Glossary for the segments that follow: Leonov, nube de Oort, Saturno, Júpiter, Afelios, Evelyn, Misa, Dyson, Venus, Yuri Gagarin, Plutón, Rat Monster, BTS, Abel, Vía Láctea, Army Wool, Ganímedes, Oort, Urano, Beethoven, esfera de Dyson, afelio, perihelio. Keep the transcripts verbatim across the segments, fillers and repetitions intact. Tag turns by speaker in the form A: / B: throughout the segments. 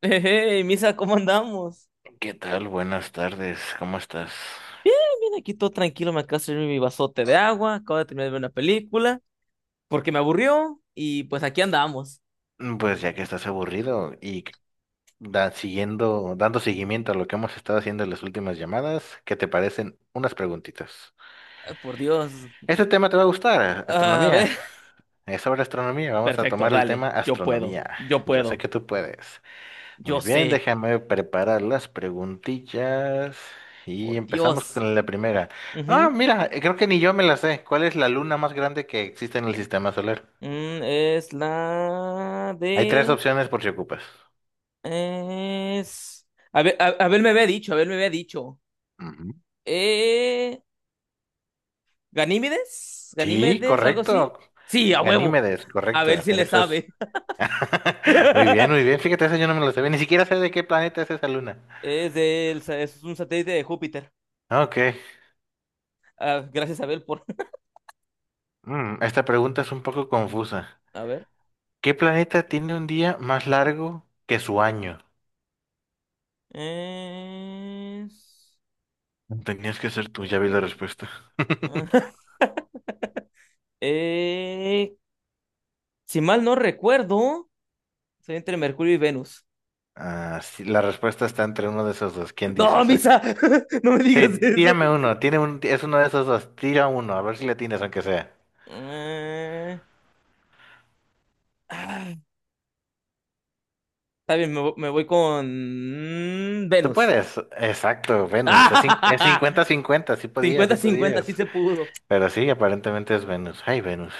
A: Hey, Misa, ¿cómo andamos?
B: ¿Qué tal? Buenas tardes, ¿cómo estás?
A: Bien, aquí todo tranquilo, me acabo de servir mi vasote de agua, acabo de terminar de ver una película, porque me aburrió, y pues aquí andamos.
B: Mm, Pues ya que estás aburrido y c- da- siguiendo, dando seguimiento a lo que hemos estado haciendo en las últimas llamadas, ¿qué te parecen unas preguntitas?
A: Ay, por Dios.
B: Este tema te va a gustar,
A: A
B: astronomía.
A: ver.
B: Es sobre astronomía, vamos a
A: Perfecto,
B: tomar el tema
A: dale, yo puedo,
B: astronomía.
A: yo
B: Yo sé
A: puedo,
B: que tú puedes. Muy
A: yo
B: bien,
A: sé,
B: déjame preparar las preguntillas y
A: por
B: empezamos
A: Dios.
B: con la primera. Ah,
A: Ujú.
B: mira, eh, creo que ni yo me la sé. ¿Cuál es la luna más grande que existe en el sistema solar?
A: Mm, es la
B: Hay tres
A: de...
B: opciones por si ocupas.
A: Es... A ver, a, Abel me había dicho, Abel me había dicho.
B: Ujú.
A: Eh... ¿Ganímedes?
B: Sí,
A: ¿Ganímedes? ¿Algo así?
B: correcto.
A: Sí, a huevo.
B: Ganímedes,
A: A ver
B: correcto.
A: si le
B: Eso es.
A: sabe.
B: Muy bien, muy bien. Fíjate, eso yo no me lo sabía. Ni siquiera sé de qué planeta es esa luna.
A: Es del, sa- es un satélite de Júpiter.
B: Ok.
A: Ah, gracias, Abel, por.
B: Mm, esta pregunta es un poco confusa.
A: A ver.
B: ¿Qué planeta tiene un día más largo que su año?
A: Es-
B: Tenías que ser tú, ya vi la respuesta.
A: Eh, si mal no recuerdo, soy entre Mercurio y Venus.
B: Ah, sí, la respuesta está entre uno de esos dos. ¿Quién dice
A: No,
B: exacto?
A: Misa, no me digas
B: Sí,
A: eso.
B: tírame uno. Tiene un, es uno de esos dos. Tira uno, a ver si le tienes, aunque sea.
A: Eh, ah, Está bien, me, vo- me voy con mm,
B: Tú
A: Venus.
B: puedes, exacto, Venus. Es cin- es cincuenta cincuenta, sí podías,
A: Cincuenta,
B: sí
A: cincuenta, sí
B: podías.
A: se pudo.
B: Pero sí, aparentemente es Venus. Ay, Venus.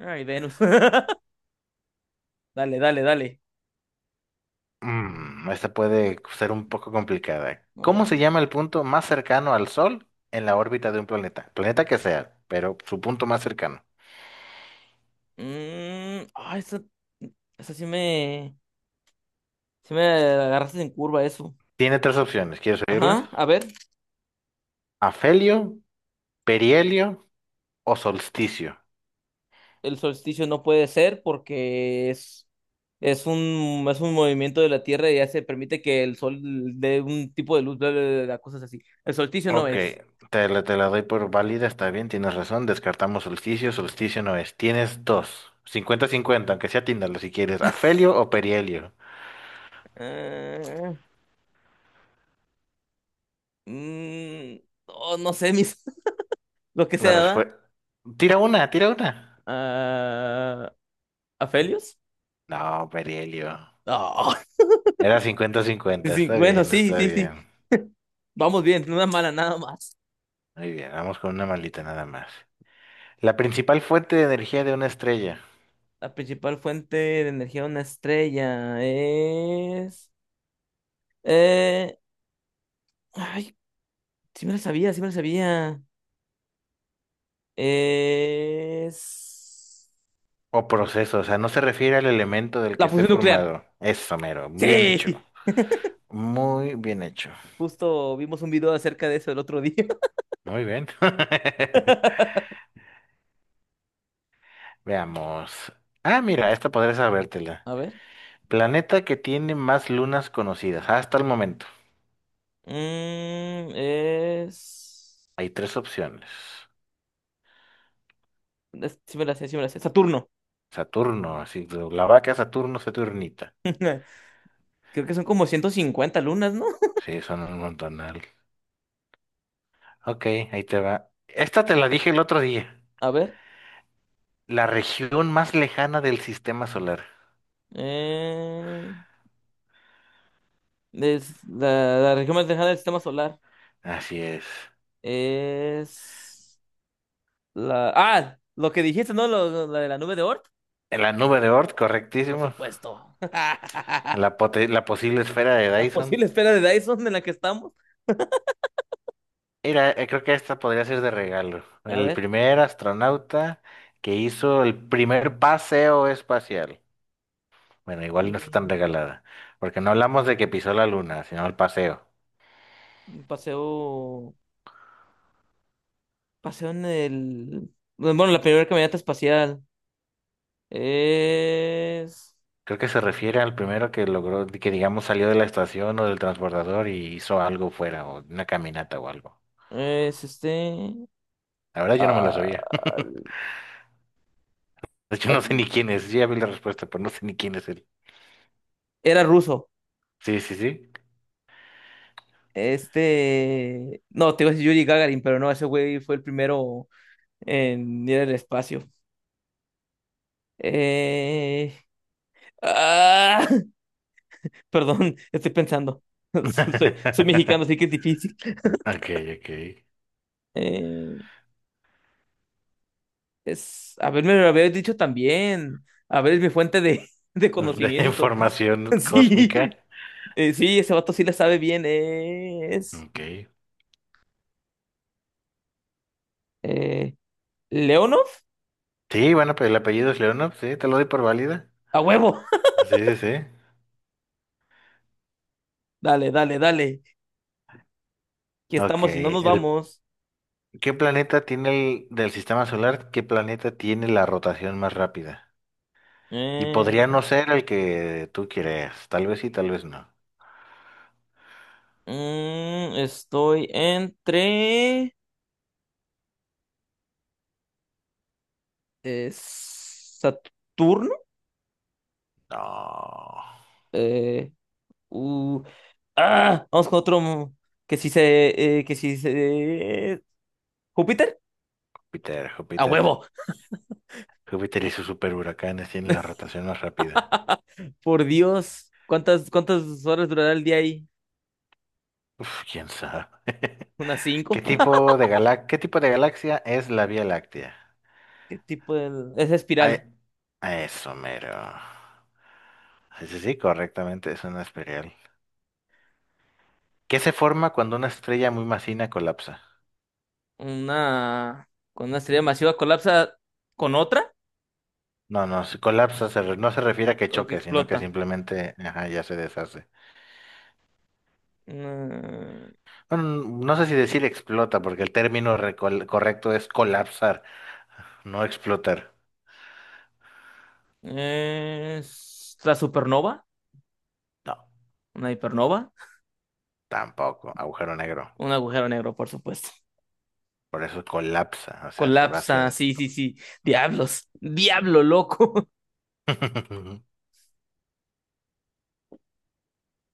A: Ay, Venus. Dale, dale, dale.
B: Mm, esta puede ser un poco complicada.
A: A
B: ¿Cómo
A: ver.
B: se llama el punto más cercano al Sol en la órbita de un planeta? Planeta que sea, pero su punto más cercano.
A: Mm, ah, esa, esa sí me, sí me agarraste en curva eso.
B: Tiene tres opciones, ¿quieres oírles?
A: Ajá, a ver,
B: Afelio, perihelio o solsticio.
A: el solsticio no puede ser porque es, es un, es un movimiento de la Tierra y ya se permite que el sol dé un tipo de luz, bla, bla, bla, bla, cosas así. El solsticio no
B: Ok,
A: es.
B: te la, te la doy por válida, está bien, tienes razón. Descartamos solsticio, solsticio no es. Tienes dos, cincuenta-cincuenta, aunque sea tíndalo si quieres. ¿Afelio o perihelio?
A: Ah, mm, no, no sé, mis, lo que
B: La
A: sea, ¿verdad?
B: respuesta. Tira una, tira una.
A: Ah, ¿Afelios?
B: No, perihelio.
A: Ah,
B: Era
A: sí,
B: cincuenta-cincuenta,
A: sí,
B: está
A: bueno,
B: bien,
A: sí,
B: está
A: sí, sí.
B: bien.
A: Vamos bien, no es mala nada más.
B: Muy bien, vamos con una malita nada más. La principal fuente de energía de una estrella
A: La principal fuente de energía de una estrella es... eh, Ay, sí me la sabía, sí me la sabía. Es...
B: o proceso, o sea, no se refiere al elemento del que
A: La
B: esté
A: fusión nuclear.
B: formado. Eso, mero, bien hecho.
A: Sí.
B: Muy bien hecho.
A: Justo vimos un video acerca de eso el otro día.
B: Muy bien. Veamos. Ah, mira, esta podré sabértela.
A: A ver.
B: Planeta que tiene más lunas conocidas. Ah, hasta el momento.
A: Mm, es...
B: Hay tres opciones.
A: es- Sí me la sé, sí me la sé. Saturno.
B: Saturno, así, la vaca Saturno, Saturnita.
A: Creo que son como ciento cincuenta lunas, ¿no?
B: Sí, son un montonal. Ok, ahí te va. Esta te la dije el otro día.
A: A ver.
B: La región más lejana del sistema solar.
A: eh, es la, la región más lejana del sistema solar.
B: Así es.
A: Es la... Ah, lo que dijiste, ¿no? Lo- lo- la de la nube de Oort.
B: En la nube de Oort,
A: Por
B: correctísimo.
A: supuesto.
B: La, pote- la posible esfera de
A: La
B: Dyson.
A: posible esfera de Dyson en la que estamos.
B: Mira, eh, creo que esta podría ser de regalo.
A: A
B: El
A: ver.
B: primer astronauta que hizo el primer paseo espacial. Bueno, igual no está tan
A: mm,
B: regalada, porque no hablamos de que pisó la luna, sino el paseo.
A: Paseo. Paseo en el. Bueno, la primera caminata espacial. Es.
B: Creo que se refiere al primero que logró, que digamos salió de la estación o del transbordador y hizo algo fuera, o una caminata o algo.
A: Es este.
B: La verdad yo no me lo sabía.
A: ah,
B: De hecho,
A: ah,
B: no sé ni quién es. Yo ya vi la respuesta, pero no sé ni quién es él.
A: Era ruso.
B: Sí, sí, sí.
A: Este. No, te iba a decir Yuri Gagarin, pero no, ese güey fue el primero en ir al espacio. Eh, Ah, Perdón, estoy pensando. Soy, soy mexicano, así que es difícil.
B: Ok, ok.
A: Eh, es, a ver, me lo habías dicho también. A ver, es mi fuente de, de conocimiento.
B: Información cósmica.
A: Sí, eh, sí, ese vato sí le sabe bien. Es
B: Ok.
A: eh, Leonov,
B: Sí, bueno, pero el apellido es Leonov, sí, te lo doy por válida.
A: a huevo.
B: Sí, sí, sí.
A: Dale, dale, dale. Aquí
B: Ok.
A: estamos y no nos
B: El,
A: vamos.
B: ¿qué planeta tiene el del sistema solar? ¿Qué planeta tiene la rotación más rápida? Y
A: Eh,
B: podría no ser el que tú quieras. Tal vez sí, tal vez no.
A: mm, Estoy entre eh, Saturno.
B: No.
A: Eh, u- Ah, vamos con otro. mm, Que si se. Eh, que si se. ¿Júpiter?
B: Júpiter,
A: ¡A
B: Júpiter.
A: huevo!
B: Júpiter y sus superhuracanes tienen la rotación más rápida.
A: Por Dios. ¿Cuántas, cuántas horas durará el día ahí?
B: Uf, quién sabe.
A: ¿Unas
B: ¿Qué
A: cinco?
B: tipo de galax- ¿Qué tipo de galaxia es la Vía Láctea?
A: ¿Qué tipo de. Esa
B: Ay,
A: espiral.
B: a eso mero. Sí, sí, sí, correctamente, es una espiral. ¿Qué se forma cuando una estrella muy masiva colapsa?
A: Una. Con una estrella masiva colapsa con otra
B: No, no, si colapsa se re- no se refiere a que
A: o que
B: choque, sino que
A: explota.
B: simplemente ajá, ya se deshace.
A: Una-
B: Bueno, no sé si decir explota, porque el término recol- correcto es colapsar, no explotar.
A: Es la supernova.
B: No,
A: Una hipernova.
B: tampoco, agujero negro.
A: Un agujero negro, por supuesto.
B: Por eso colapsa, o sea, se va hacia
A: Colapsa, sí, sí,
B: adentro.
A: sí. Diablos. Diablo, loco.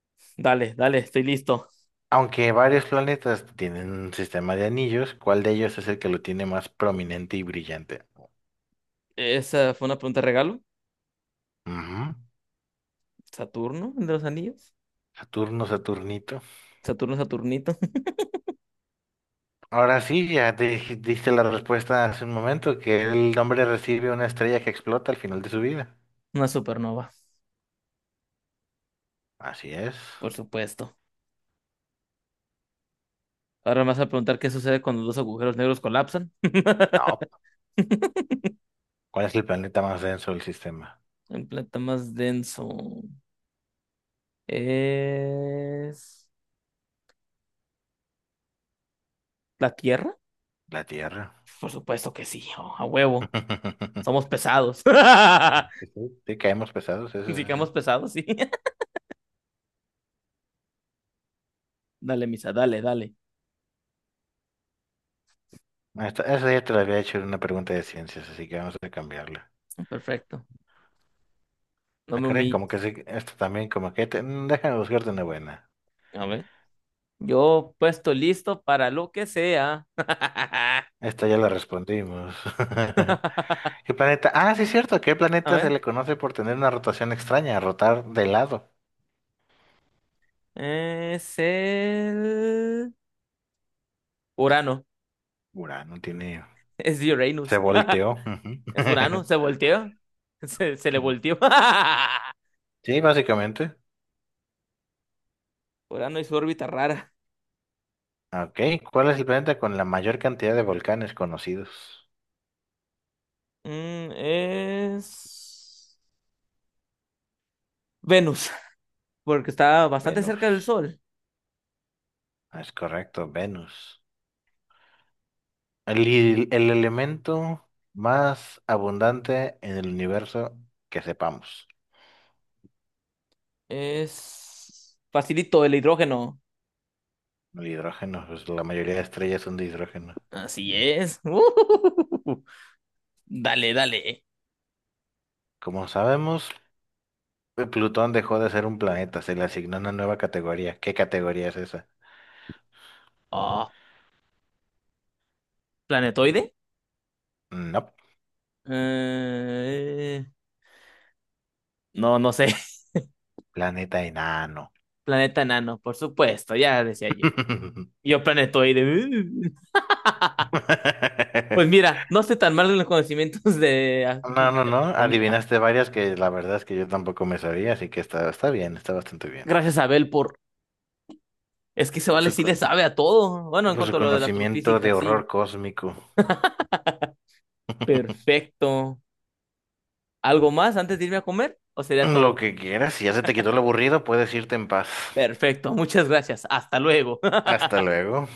A: Dale, dale, estoy listo.
B: Aunque varios planetas tienen un sistema de anillos, ¿cuál de ellos es el que lo tiene más prominente y brillante?
A: Esa fue una pregunta regalo.
B: Ujú.
A: Saturno, el de los anillos.
B: Saturno, Saturnito.
A: Saturno, Saturnito.
B: Ahora sí, ya te dij- diste la respuesta hace un momento, que el hombre recibe una estrella que explota al final de su vida.
A: Una supernova,
B: Así es.
A: por supuesto. Ahora me vas a preguntar qué sucede cuando dos agujeros negros colapsan.
B: No. ¿Cuál es el planeta más denso del sistema?
A: El planeta más denso es la Tierra.
B: La Tierra.
A: Por supuesto que sí, oh, a huevo. Somos pesados.
B: Sí, sí. Sí, caemos pesados, eso sí.
A: Si quedamos pesados, sí. Dale, misa, dale, dale.
B: Esta, esa ya te la había hecho en una pregunta de ciencias, así que vamos a cambiarla.
A: Perfecto. No
B: Ah,
A: me
B: caray, como que sí,
A: humilles.
B: esta también, como que te- mm, déjame buscarte una buena.
A: A ver. Yo puesto listo para lo que sea.
B: Esta ya la respondimos.
A: A
B: ¿Qué planeta? Ah, sí, es cierto. ¿Qué planeta se
A: ver.
B: le conoce por tener una rotación extraña, rotar de lado?
A: Es el... Urano.
B: Urano tiene...
A: Es
B: Se
A: Uranus.
B: volteó. Ujú.
A: Es Urano. Se volteó. Se, se le volteó.
B: Sí, básicamente.
A: Urano y su órbita rara.
B: Ok, ¿cuál es el planeta con la mayor cantidad de volcanes conocidos?
A: Mm, es... Venus. Porque está bastante cerca del
B: Venus.
A: Sol.
B: Ah, es correcto, Venus. El, il- el elemento más abundante en el universo que sepamos.
A: Es... Facilito el hidrógeno.
B: El hidrógeno, pues la mayoría de estrellas son de hidrógeno.
A: Así es. Dale, dale.
B: Como sabemos, eh, Plutón dejó de ser un planeta, se le asignó una nueva categoría. ¿Qué categoría es esa?
A: Oh, ¿planetoide?
B: No,
A: Eh, No, no sé.
B: planeta enano.
A: Planeta enano, por supuesto. Ya decía yo. Yo planetoide. Pues mira, no sé tan mal en los conocimientos de,
B: No, no,
A: de
B: no,
A: astronomía.
B: adivinaste varias que la verdad es que yo tampoco me sabía, así que está, está bien, está bastante bien.
A: Gracias a Abel por... Es que se vale
B: Su
A: sí
B: co-
A: le sabe a todo. Bueno, en
B: por su
A: cuanto a lo de la
B: conocimiento
A: astrofísica,
B: de
A: sí.
B: horror cósmico.
A: Perfecto. ¿Algo más antes de irme a comer? ¿O sería
B: Lo
A: todo?
B: que quieras, si ya se te quitó lo aburrido, puedes irte en paz.
A: Perfecto. Muchas gracias. Hasta luego.
B: Hasta luego.